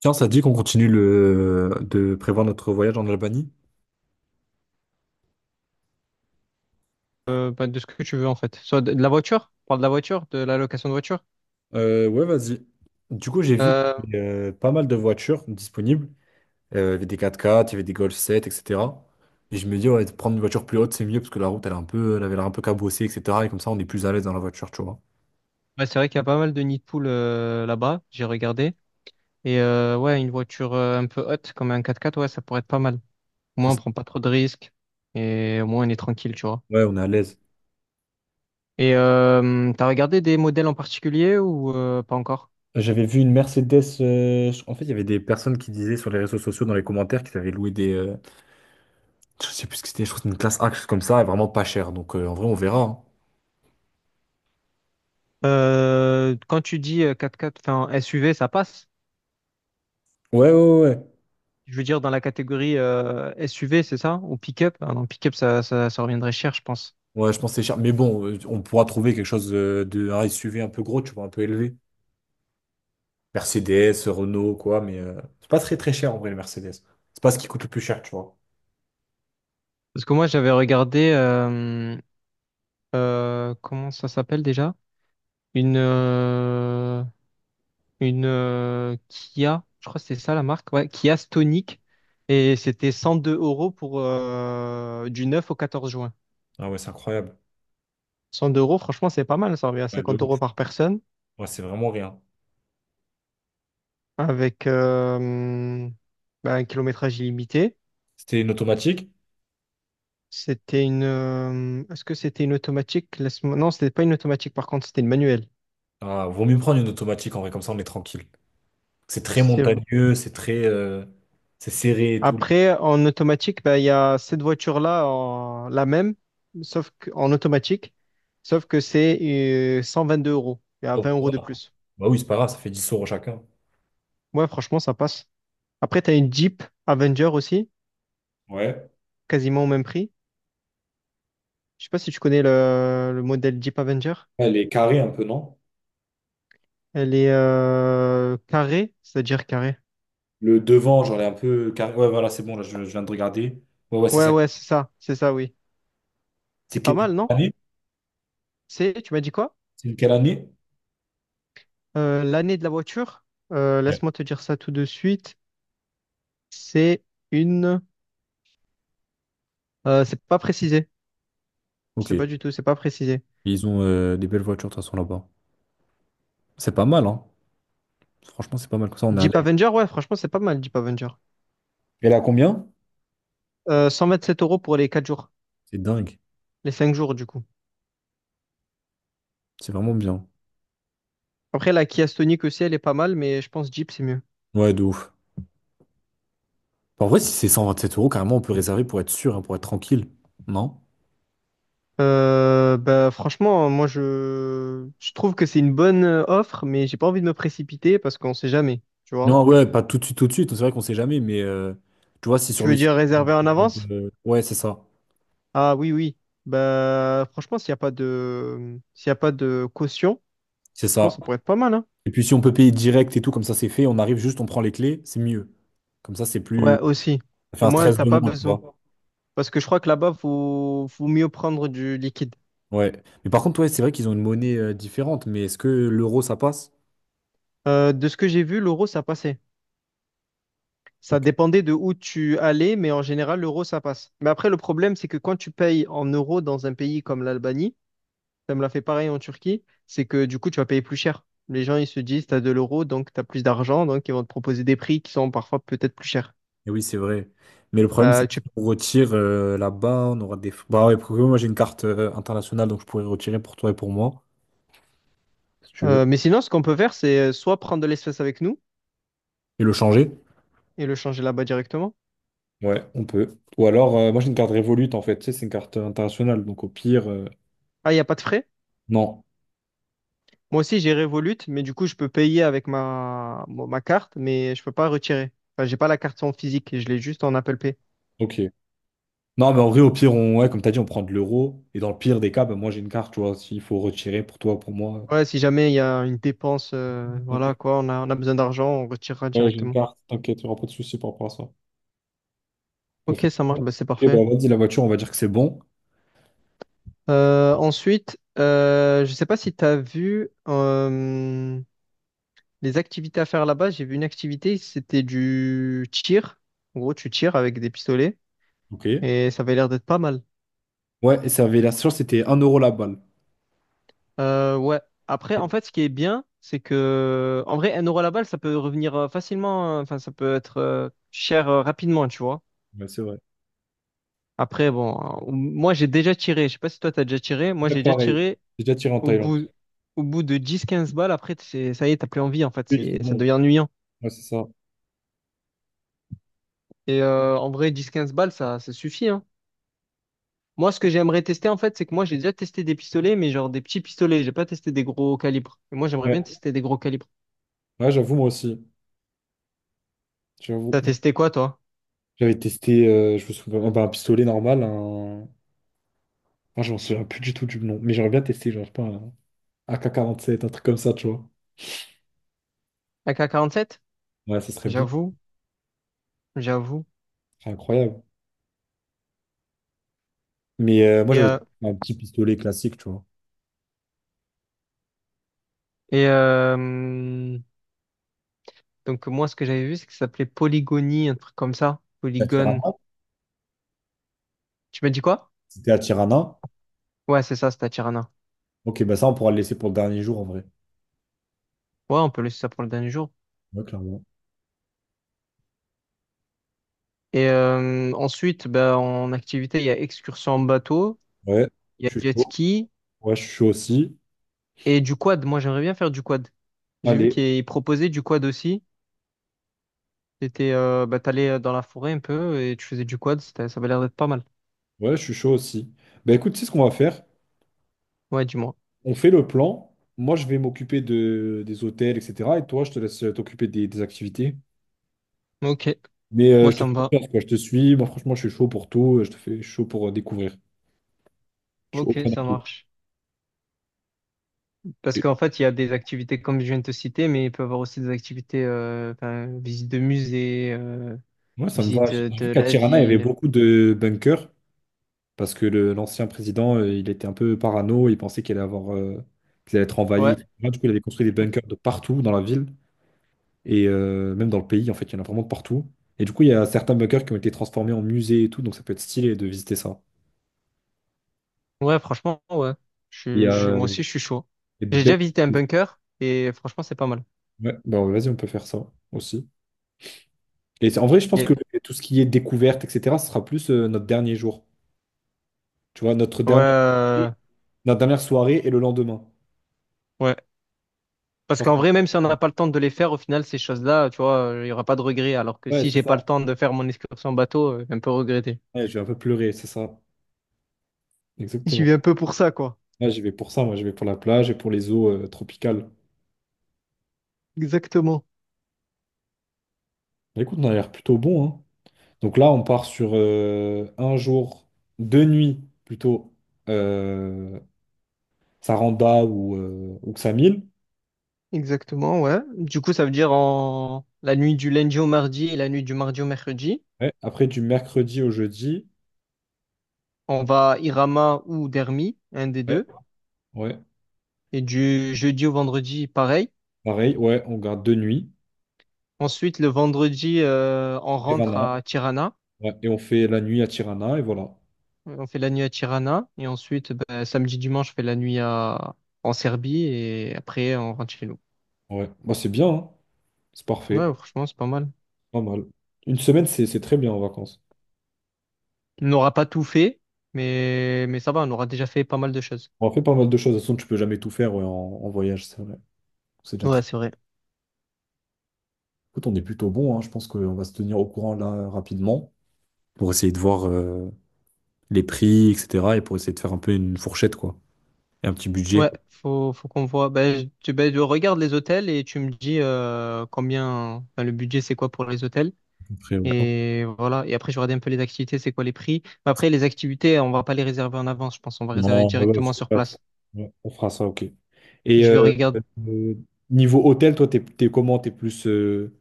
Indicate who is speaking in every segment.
Speaker 1: Tiens, ça te dit qu'on continue de prévoir notre voyage en Albanie?
Speaker 2: Bah, de ce que tu veux en fait. Soit de la voiture, on parle de la voiture, de la location de voiture.
Speaker 1: Ouais, vas-y. Du coup, j'ai vu
Speaker 2: Euh,
Speaker 1: qu'il y avait pas mal de voitures disponibles. Il y avait des 4x4, il y avait des Golf 7, etc. Et je me dis, ouais, de prendre une voiture plus haute, c'est mieux parce que la route, elle, elle avait l'air un peu cabossée, etc. Et comme ça, on est plus à l'aise dans la voiture, tu vois.
Speaker 2: ouais, c'est vrai qu'il y a pas mal de nids de poules là-bas, j'ai regardé. Et ouais, une voiture un peu haute, comme un 4x4, ouais, ça pourrait être pas mal. Au
Speaker 1: C'est
Speaker 2: moins, on
Speaker 1: ça.
Speaker 2: prend pas trop de risques et au moins, on est tranquille, tu vois.
Speaker 1: Ouais, on est à l'aise.
Speaker 2: Et t'as regardé des modèles en particulier ou pas encore?
Speaker 1: J'avais vu une Mercedes. En fait, il y avait des personnes qui disaient sur les réseaux sociaux, dans les commentaires, qu'ils avaient loué des. Je sais plus ce que c'était, je crois que c'était une classe A, quelque chose comme ça, et vraiment pas cher. Donc, en vrai, on verra, hein.
Speaker 2: Quand tu dis 4x4, enfin SUV, ça passe.
Speaker 1: Ouais, ouais, ouais.
Speaker 2: Je veux dire dans la catégorie SUV, c'est ça? Ou pick-up? Ah non, pick-up, ça reviendrait cher, je pense.
Speaker 1: Ouais, je pense que c'est cher. Mais bon, on pourra trouver quelque chose de un SUV un peu gros, tu vois, un peu élevé. Mercedes, Renault, quoi, mais c'est pas très très cher en vrai, le Mercedes. C'est pas ce qui coûte le plus cher, tu vois.
Speaker 2: Parce que moi, j'avais regardé, comment ça s'appelle déjà? Une, euh, une Kia, je crois que c'est ça la marque, ouais, Kia Stonic. Et c'était 102 euros pour du 9 au 14 juin.
Speaker 1: Ah ouais, c'est incroyable.
Speaker 2: 102 euros, franchement, c'est pas mal, ça revient à
Speaker 1: Ouais, de
Speaker 2: 50 euros
Speaker 1: ouf.
Speaker 2: par personne,
Speaker 1: Ouais, c'est vraiment rien.
Speaker 2: avec bah, un kilométrage illimité.
Speaker 1: C'était une automatique.
Speaker 2: C'était une. Est-ce que c'était une automatique? Non, c'était pas une automatique, par contre, c'était une manuelle.
Speaker 1: Ah, vaut mieux prendre une automatique en vrai, comme ça on est tranquille. C'est très
Speaker 2: C'est
Speaker 1: montagneux, c'est très. C'est serré et tout.
Speaker 2: Après, en automatique, ben, il y a cette voiture-là, la même, sauf qu'en automatique, sauf que c'est 2 euros. Il y a 20 euros de plus.
Speaker 1: Bah oui, c'est pas grave, ça fait 10 € chacun.
Speaker 2: Ouais, franchement, ça passe. Après, tu as une Jeep Avenger aussi,
Speaker 1: Ouais.
Speaker 2: quasiment au même prix. Je sais pas si tu connais le modèle Jeep Avenger.
Speaker 1: Elle est carrée un peu, non?
Speaker 2: Elle est carrée, c'est-à-dire carrée.
Speaker 1: Le devant, genre, elle est un peu carré. Ouais, voilà, c'est bon, là, je viens de regarder. Ouais, ouais, c'est
Speaker 2: Ouais,
Speaker 1: ça.
Speaker 2: ouais, c'est ça, oui.
Speaker 1: C'est
Speaker 2: C'est pas
Speaker 1: quelle
Speaker 2: mal, non?
Speaker 1: année?
Speaker 2: Tu m'as dit quoi?
Speaker 1: C'est quelle année?
Speaker 2: L'année de la voiture,
Speaker 1: Ouais.
Speaker 2: laisse-moi te dire ça tout de suite. C'est une. C'est pas précisé. Je
Speaker 1: Ok.
Speaker 2: sais pas du tout, c'est pas précisé.
Speaker 1: Ils ont des belles voitures, de toute façon, là-bas. C'est pas mal, hein. Franchement, c'est pas mal. Comme ça, on est à
Speaker 2: Jeep
Speaker 1: l'aise.
Speaker 2: Avenger, ouais, franchement, c'est pas mal, Jeep Avenger.
Speaker 1: Elle a combien?
Speaker 2: 127 euros pour les 4 jours,
Speaker 1: C'est dingue.
Speaker 2: les 5 jours du coup.
Speaker 1: C'est vraiment bien.
Speaker 2: Après, la Kia Stonic aussi, elle est pas mal, mais je pense Jeep, c'est mieux.
Speaker 1: Ouais, de ouf. Enfin, en vrai, si c'est 127 euros, carrément, on peut réserver pour être sûr, hein, pour être tranquille. Non?
Speaker 2: Bah, franchement, moi, je trouve que c'est une bonne offre, mais j'ai pas envie de me précipiter parce qu'on sait jamais, tu vois.
Speaker 1: Non, ouais, pas tout de suite, tout de suite. C'est vrai qu'on sait jamais, mais tu vois, c'est
Speaker 2: Tu
Speaker 1: sur le
Speaker 2: veux
Speaker 1: site.
Speaker 2: dire réserver en avance?
Speaker 1: Ouais, c'est ça.
Speaker 2: Ah oui, oui. Bah, franchement, s'il y a pas de caution,
Speaker 1: C'est
Speaker 2: je pense que
Speaker 1: ça.
Speaker 2: ça pourrait être pas mal, hein.
Speaker 1: Et puis, si on peut payer direct et tout, comme ça, c'est fait. On arrive juste, on prend les clés, c'est mieux. Comme ça, c'est plus.
Speaker 2: Ouais, aussi.
Speaker 1: Ça fait
Speaker 2: Au
Speaker 1: un
Speaker 2: moins,
Speaker 1: stress
Speaker 2: t'as
Speaker 1: de
Speaker 2: pas
Speaker 1: moins, tu
Speaker 2: besoin.
Speaker 1: vois.
Speaker 2: Parce que je crois que là-bas, faut mieux prendre du liquide.
Speaker 1: Ouais. Mais par contre, ouais, c'est vrai qu'ils ont une monnaie différente, mais est-ce que l'euro, ça passe?
Speaker 2: De ce que j'ai vu, l'euro, ça passait. Ça
Speaker 1: Ok.
Speaker 2: dépendait de où tu allais, mais en général, l'euro, ça passe. Mais après, le problème, c'est que quand tu payes en euros dans un pays comme l'Albanie, ça me l'a fait pareil en Turquie, c'est que du coup, tu vas payer plus cher. Les gens, ils se disent, tu as de l'euro, donc tu as plus d'argent, donc ils vont te proposer des prix qui sont parfois peut-être plus chers.
Speaker 1: Eh oui, c'est vrai. Mais le problème, c'est
Speaker 2: Euh,
Speaker 1: que si
Speaker 2: tu-
Speaker 1: on retire là-bas, bah ouais, parce que moi, j'ai une carte internationale, donc je pourrais retirer pour toi et pour moi, si tu
Speaker 2: euh,
Speaker 1: veux.
Speaker 2: mais sinon, ce qu'on peut faire, c'est soit prendre de l'espèce avec nous
Speaker 1: Et le changer.
Speaker 2: et le changer là-bas directement.
Speaker 1: Ouais, on peut. Ou alors, moi, j'ai une carte Revolut, en fait. Tu sais, c'est une carte internationale, donc au pire.
Speaker 2: Ah, il n'y a pas de frais?
Speaker 1: Non.
Speaker 2: Moi aussi, j'ai Revolut, mais du coup, je peux payer avec ma carte, mais je peux pas retirer. Enfin, j'ai pas la carte en physique, je l'ai juste en Apple Pay.
Speaker 1: Ok. Non, mais en vrai, au pire, ouais, comme t'as dit, on prend de l'euro. Et dans le pire des cas, bah, moi, j'ai une carte, tu vois, s'il faut retirer pour toi, pour moi.
Speaker 2: Ouais, si jamais il y a une dépense,
Speaker 1: Ok.
Speaker 2: voilà quoi, on a besoin d'argent, on retirera
Speaker 1: Ouais, j'ai une
Speaker 2: directement.
Speaker 1: carte, t'inquiète, il n'y aura pas de souci par rapport à ça. On peut
Speaker 2: Ok,
Speaker 1: faire
Speaker 2: ça
Speaker 1: ça.
Speaker 2: marche, bah, c'est
Speaker 1: Ok,
Speaker 2: parfait.
Speaker 1: bah vas-y, la voiture, on va dire que c'est bon.
Speaker 2: Ensuite, je sais pas si tu as vu les activités à faire là-bas. J'ai vu une activité, c'était du tir. En gros, tu tires avec des pistolets
Speaker 1: Ok.
Speaker 2: et ça avait l'air d'être pas mal.
Speaker 1: Ouais, et ça avait la chance, c'était 1 € la balle.
Speaker 2: Ouais. Après,
Speaker 1: Ok.
Speaker 2: en fait, ce qui est bien, c'est que, en vrai, 1 euro la balle, ça peut revenir facilement, enfin, ça peut être cher rapidement, tu vois.
Speaker 1: Ouais, c'est vrai.
Speaker 2: Après, bon, moi, j'ai déjà tiré, je sais pas si toi, t'as déjà tiré, moi,
Speaker 1: Ouais,
Speaker 2: j'ai déjà
Speaker 1: pareil.
Speaker 2: tiré
Speaker 1: J'ai déjà tiré en
Speaker 2: au
Speaker 1: Thaïlande.
Speaker 2: bout, au bout de 10 15 balles, après, ça y est, t'as plus envie, en fait,
Speaker 1: Oui, c'est
Speaker 2: ça
Speaker 1: bon.
Speaker 2: devient ennuyant.
Speaker 1: Ouais, c'est ça.
Speaker 2: Et en vrai, 10 15 balles, ça suffit, hein. Moi, ce que j'aimerais tester, en fait, c'est que moi, j'ai déjà testé des pistolets, mais genre des petits pistolets, j'ai pas testé des gros calibres. Et moi, j'aimerais
Speaker 1: Ouais,
Speaker 2: bien tester des gros calibres.
Speaker 1: ouais, j'avoue, moi aussi. J'avoue.
Speaker 2: T'as testé quoi, toi?
Speaker 1: J'avais testé, je me souviens, bah, un pistolet normal. Ah, je m'en souviens plus du tout du nom. Mais j'aurais bien testé, genre, je sais pas, un AK-47, un truc comme ça, tu vois.
Speaker 2: AK sept.
Speaker 1: Ouais, ça serait bien.
Speaker 2: J'avoue. J'avoue.
Speaker 1: Ce serait incroyable. Mais moi,
Speaker 2: Et,
Speaker 1: j'avais
Speaker 2: euh,
Speaker 1: un petit pistolet classique, tu vois.
Speaker 2: et donc, moi, ce que j'avais vu, c'est que ça s'appelait Polygonie, un truc comme ça.
Speaker 1: À
Speaker 2: Polygone.
Speaker 1: Tirana.
Speaker 2: Tu m'as dit quoi?
Speaker 1: C'était à Tirana.
Speaker 2: Ouais, c'est ça, c'était à Tirana.
Speaker 1: Ok, bah ça, on pourra le laisser pour le dernier jour, en vrai.
Speaker 2: Ouais, on peut laisser ça pour le dernier jour.
Speaker 1: Ouais, clairement.
Speaker 2: Et ensuite, bah, en activité, il y a excursion en bateau,
Speaker 1: Ouais,
Speaker 2: il y a
Speaker 1: je suis
Speaker 2: jet
Speaker 1: chaud.
Speaker 2: ski
Speaker 1: Ouais, je suis chaud aussi.
Speaker 2: et du quad. Moi, j'aimerais bien faire du quad. J'ai vu
Speaker 1: Allez,
Speaker 2: qu'ils proposaient du quad aussi. Bah, t'allais dans la forêt un peu et tu faisais du quad. Ça avait l'air d'être pas mal.
Speaker 1: ouais, je suis chaud aussi. Bah écoute, tu sais ce qu'on va faire?
Speaker 2: Ouais, dis-moi.
Speaker 1: On fait le plan. Moi, je vais m'occuper des hôtels, etc. Et toi, je te laisse t'occuper des activités.
Speaker 2: Ok,
Speaker 1: Mais
Speaker 2: moi,
Speaker 1: je te
Speaker 2: ça me
Speaker 1: fais
Speaker 2: va.
Speaker 1: confiance, quoi. Je te suis. Moi, franchement, je suis chaud pour tout. Je te fais chaud pour découvrir. Je suis
Speaker 2: Ok,
Speaker 1: open à
Speaker 2: ça
Speaker 1: tout.
Speaker 2: marche. Parce
Speaker 1: Et
Speaker 2: qu'en fait, il y a des activités comme je viens de te citer, mais il peut y avoir aussi des activités, ben, visite de musée,
Speaker 1: moi, ça me va.
Speaker 2: visite
Speaker 1: J'ai
Speaker 2: de
Speaker 1: vu qu'à
Speaker 2: la
Speaker 1: Tirana, il y avait
Speaker 2: ville.
Speaker 1: beaucoup de bunkers parce que l'ancien président, il était un peu parano. Il pensait qu'il allait avoir, qu'il allait être envahi,
Speaker 2: Ouais,
Speaker 1: etc. Du coup, il avait construit des
Speaker 2: Mm.
Speaker 1: bunkers de partout dans la ville. Et même dans le pays, en fait, il y en a vraiment de partout. Et du coup, il y a certains bunkers qui ont été transformés en musées et tout, donc ça peut être stylé de visiter ça.
Speaker 2: Ouais, franchement, ouais.
Speaker 1: Il y a,
Speaker 2: Moi
Speaker 1: Hmm.
Speaker 2: aussi, je suis chaud.
Speaker 1: il y a des
Speaker 2: J'ai
Speaker 1: belles.
Speaker 2: déjà visité un bunker et franchement, c'est pas mal.
Speaker 1: Ouais, bah ouais, vas-y, on peut faire ça aussi. Et en vrai, je pense
Speaker 2: Yeah.
Speaker 1: que tout ce qui est découverte, etc., ce sera plus notre dernier jour. Tu vois, notre
Speaker 2: Ouais,
Speaker 1: dernière, notre dernière soirée et le lendemain.
Speaker 2: ouais.
Speaker 1: Je
Speaker 2: Parce
Speaker 1: pense
Speaker 2: qu'en vrai, même si on
Speaker 1: que-
Speaker 2: n'a pas le temps de les faire, au final, ces choses-là, tu vois, il n'y aura pas de regret. Alors que
Speaker 1: Ouais,
Speaker 2: si
Speaker 1: c'est
Speaker 2: j'ai
Speaker 1: ça.
Speaker 2: pas le temps de faire mon excursion en bateau, je vais un peu regretter.
Speaker 1: Ouais, je vais un peu pleurer, c'est ça.
Speaker 2: J'y
Speaker 1: Exactement.
Speaker 2: vais un peu pour ça, quoi.
Speaker 1: Là, j'y vais pour ça, moi, j'y vais pour la plage et pour les eaux tropicales.
Speaker 2: Exactement.
Speaker 1: Bah, écoute, on a l'air plutôt bon, hein. Donc là, on part sur un jour, 2 nuits plutôt, euh, Saranda ou Ksamil.
Speaker 2: Exactement, ouais. Du coup, ça veut dire en la nuit du lundi au mardi et la nuit du mardi au mercredi,
Speaker 1: Ouais, après, du mercredi au jeudi,
Speaker 2: on va à Irama ou Dermi, un des
Speaker 1: ouais,
Speaker 2: deux.
Speaker 1: ouais,
Speaker 2: Et du jeudi au vendredi, pareil.
Speaker 1: pareil, ouais, on garde 2 nuits,
Speaker 2: Ensuite, le vendredi, on rentre
Speaker 1: Tirana,
Speaker 2: à Tirana.
Speaker 1: ouais, et on fait la nuit à Tirana, et voilà.
Speaker 2: On fait la nuit à Tirana. Et ensuite, ben, samedi, dimanche, on fait la nuit à... en Serbie. Et après, on rentre chez nous.
Speaker 1: Ouais, bah, c'est bien, hein. C'est parfait,
Speaker 2: Ouais, franchement, c'est pas mal.
Speaker 1: pas mal. Une semaine, c'est très bien en vacances.
Speaker 2: On n'aura pas tout fait, mais ça va, on aura déjà fait pas mal de choses.
Speaker 1: On a fait pas mal de choses, de toute façon, tu peux jamais tout faire ouais, en voyage, c'est vrai. C'est déjà
Speaker 2: Ouais,
Speaker 1: très.
Speaker 2: c'est vrai.
Speaker 1: Écoute, on est plutôt bon, hein. Je pense qu'on va se tenir au courant là rapidement pour essayer de voir, les prix, etc. Et pour essayer de faire un peu une fourchette, quoi. Et un petit budget.
Speaker 2: Ouais, faut qu'on voit. Ben, je regarde les hôtels et tu me dis combien, enfin, le budget c'est quoi pour les hôtels.
Speaker 1: Après, ouais.
Speaker 2: Et voilà. Et après, je regarde un peu les activités, c'est quoi les prix. Mais après, les activités, on va pas les réserver en avance, je pense. On va réserver
Speaker 1: Non, ouais, ouais,
Speaker 2: directement
Speaker 1: je sais
Speaker 2: sur
Speaker 1: pas.
Speaker 2: place.
Speaker 1: Ouais, on fera ça, ok. Et
Speaker 2: Je vais regarder.
Speaker 1: euh, niveau hôtel, toi, t'es comment? T'es plus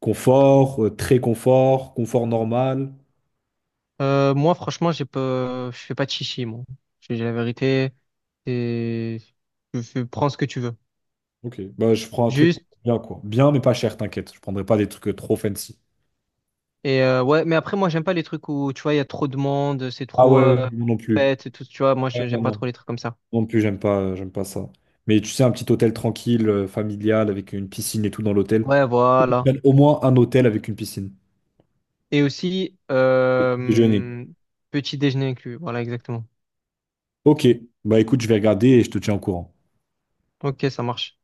Speaker 1: confort, très confort, confort normal?
Speaker 2: Moi, franchement, j'ai pas, je fais pas de chichi, moi. Je dis la vérité. Et je prends ce que tu veux.
Speaker 1: Ok, bah, je prends un truc
Speaker 2: Juste.
Speaker 1: bien, quoi. Bien, mais pas cher, t'inquiète. Je prendrai pas des trucs trop fancy.
Speaker 2: Et ouais, mais après, moi, j'aime pas les trucs où, tu vois, il y a trop de monde, c'est
Speaker 1: Ah
Speaker 2: trop
Speaker 1: ouais, ouais, ouais, moi non plus.
Speaker 2: fête et tout, tu vois. Moi,
Speaker 1: Ouais, non,
Speaker 2: j'aime pas
Speaker 1: non.
Speaker 2: trop les trucs comme ça.
Speaker 1: Moi non plus, j'aime pas ça. Mais tu sais, un petit hôtel tranquille, familial, avec une piscine et tout dans l'hôtel.
Speaker 2: Ouais, voilà.
Speaker 1: Au moins un hôtel avec une piscine.
Speaker 2: Et aussi,
Speaker 1: Déjeuner.
Speaker 2: petit déjeuner inclus. Voilà, exactement.
Speaker 1: Ok. Bah écoute, je vais regarder et je te tiens au courant.
Speaker 2: Ok, ça marche.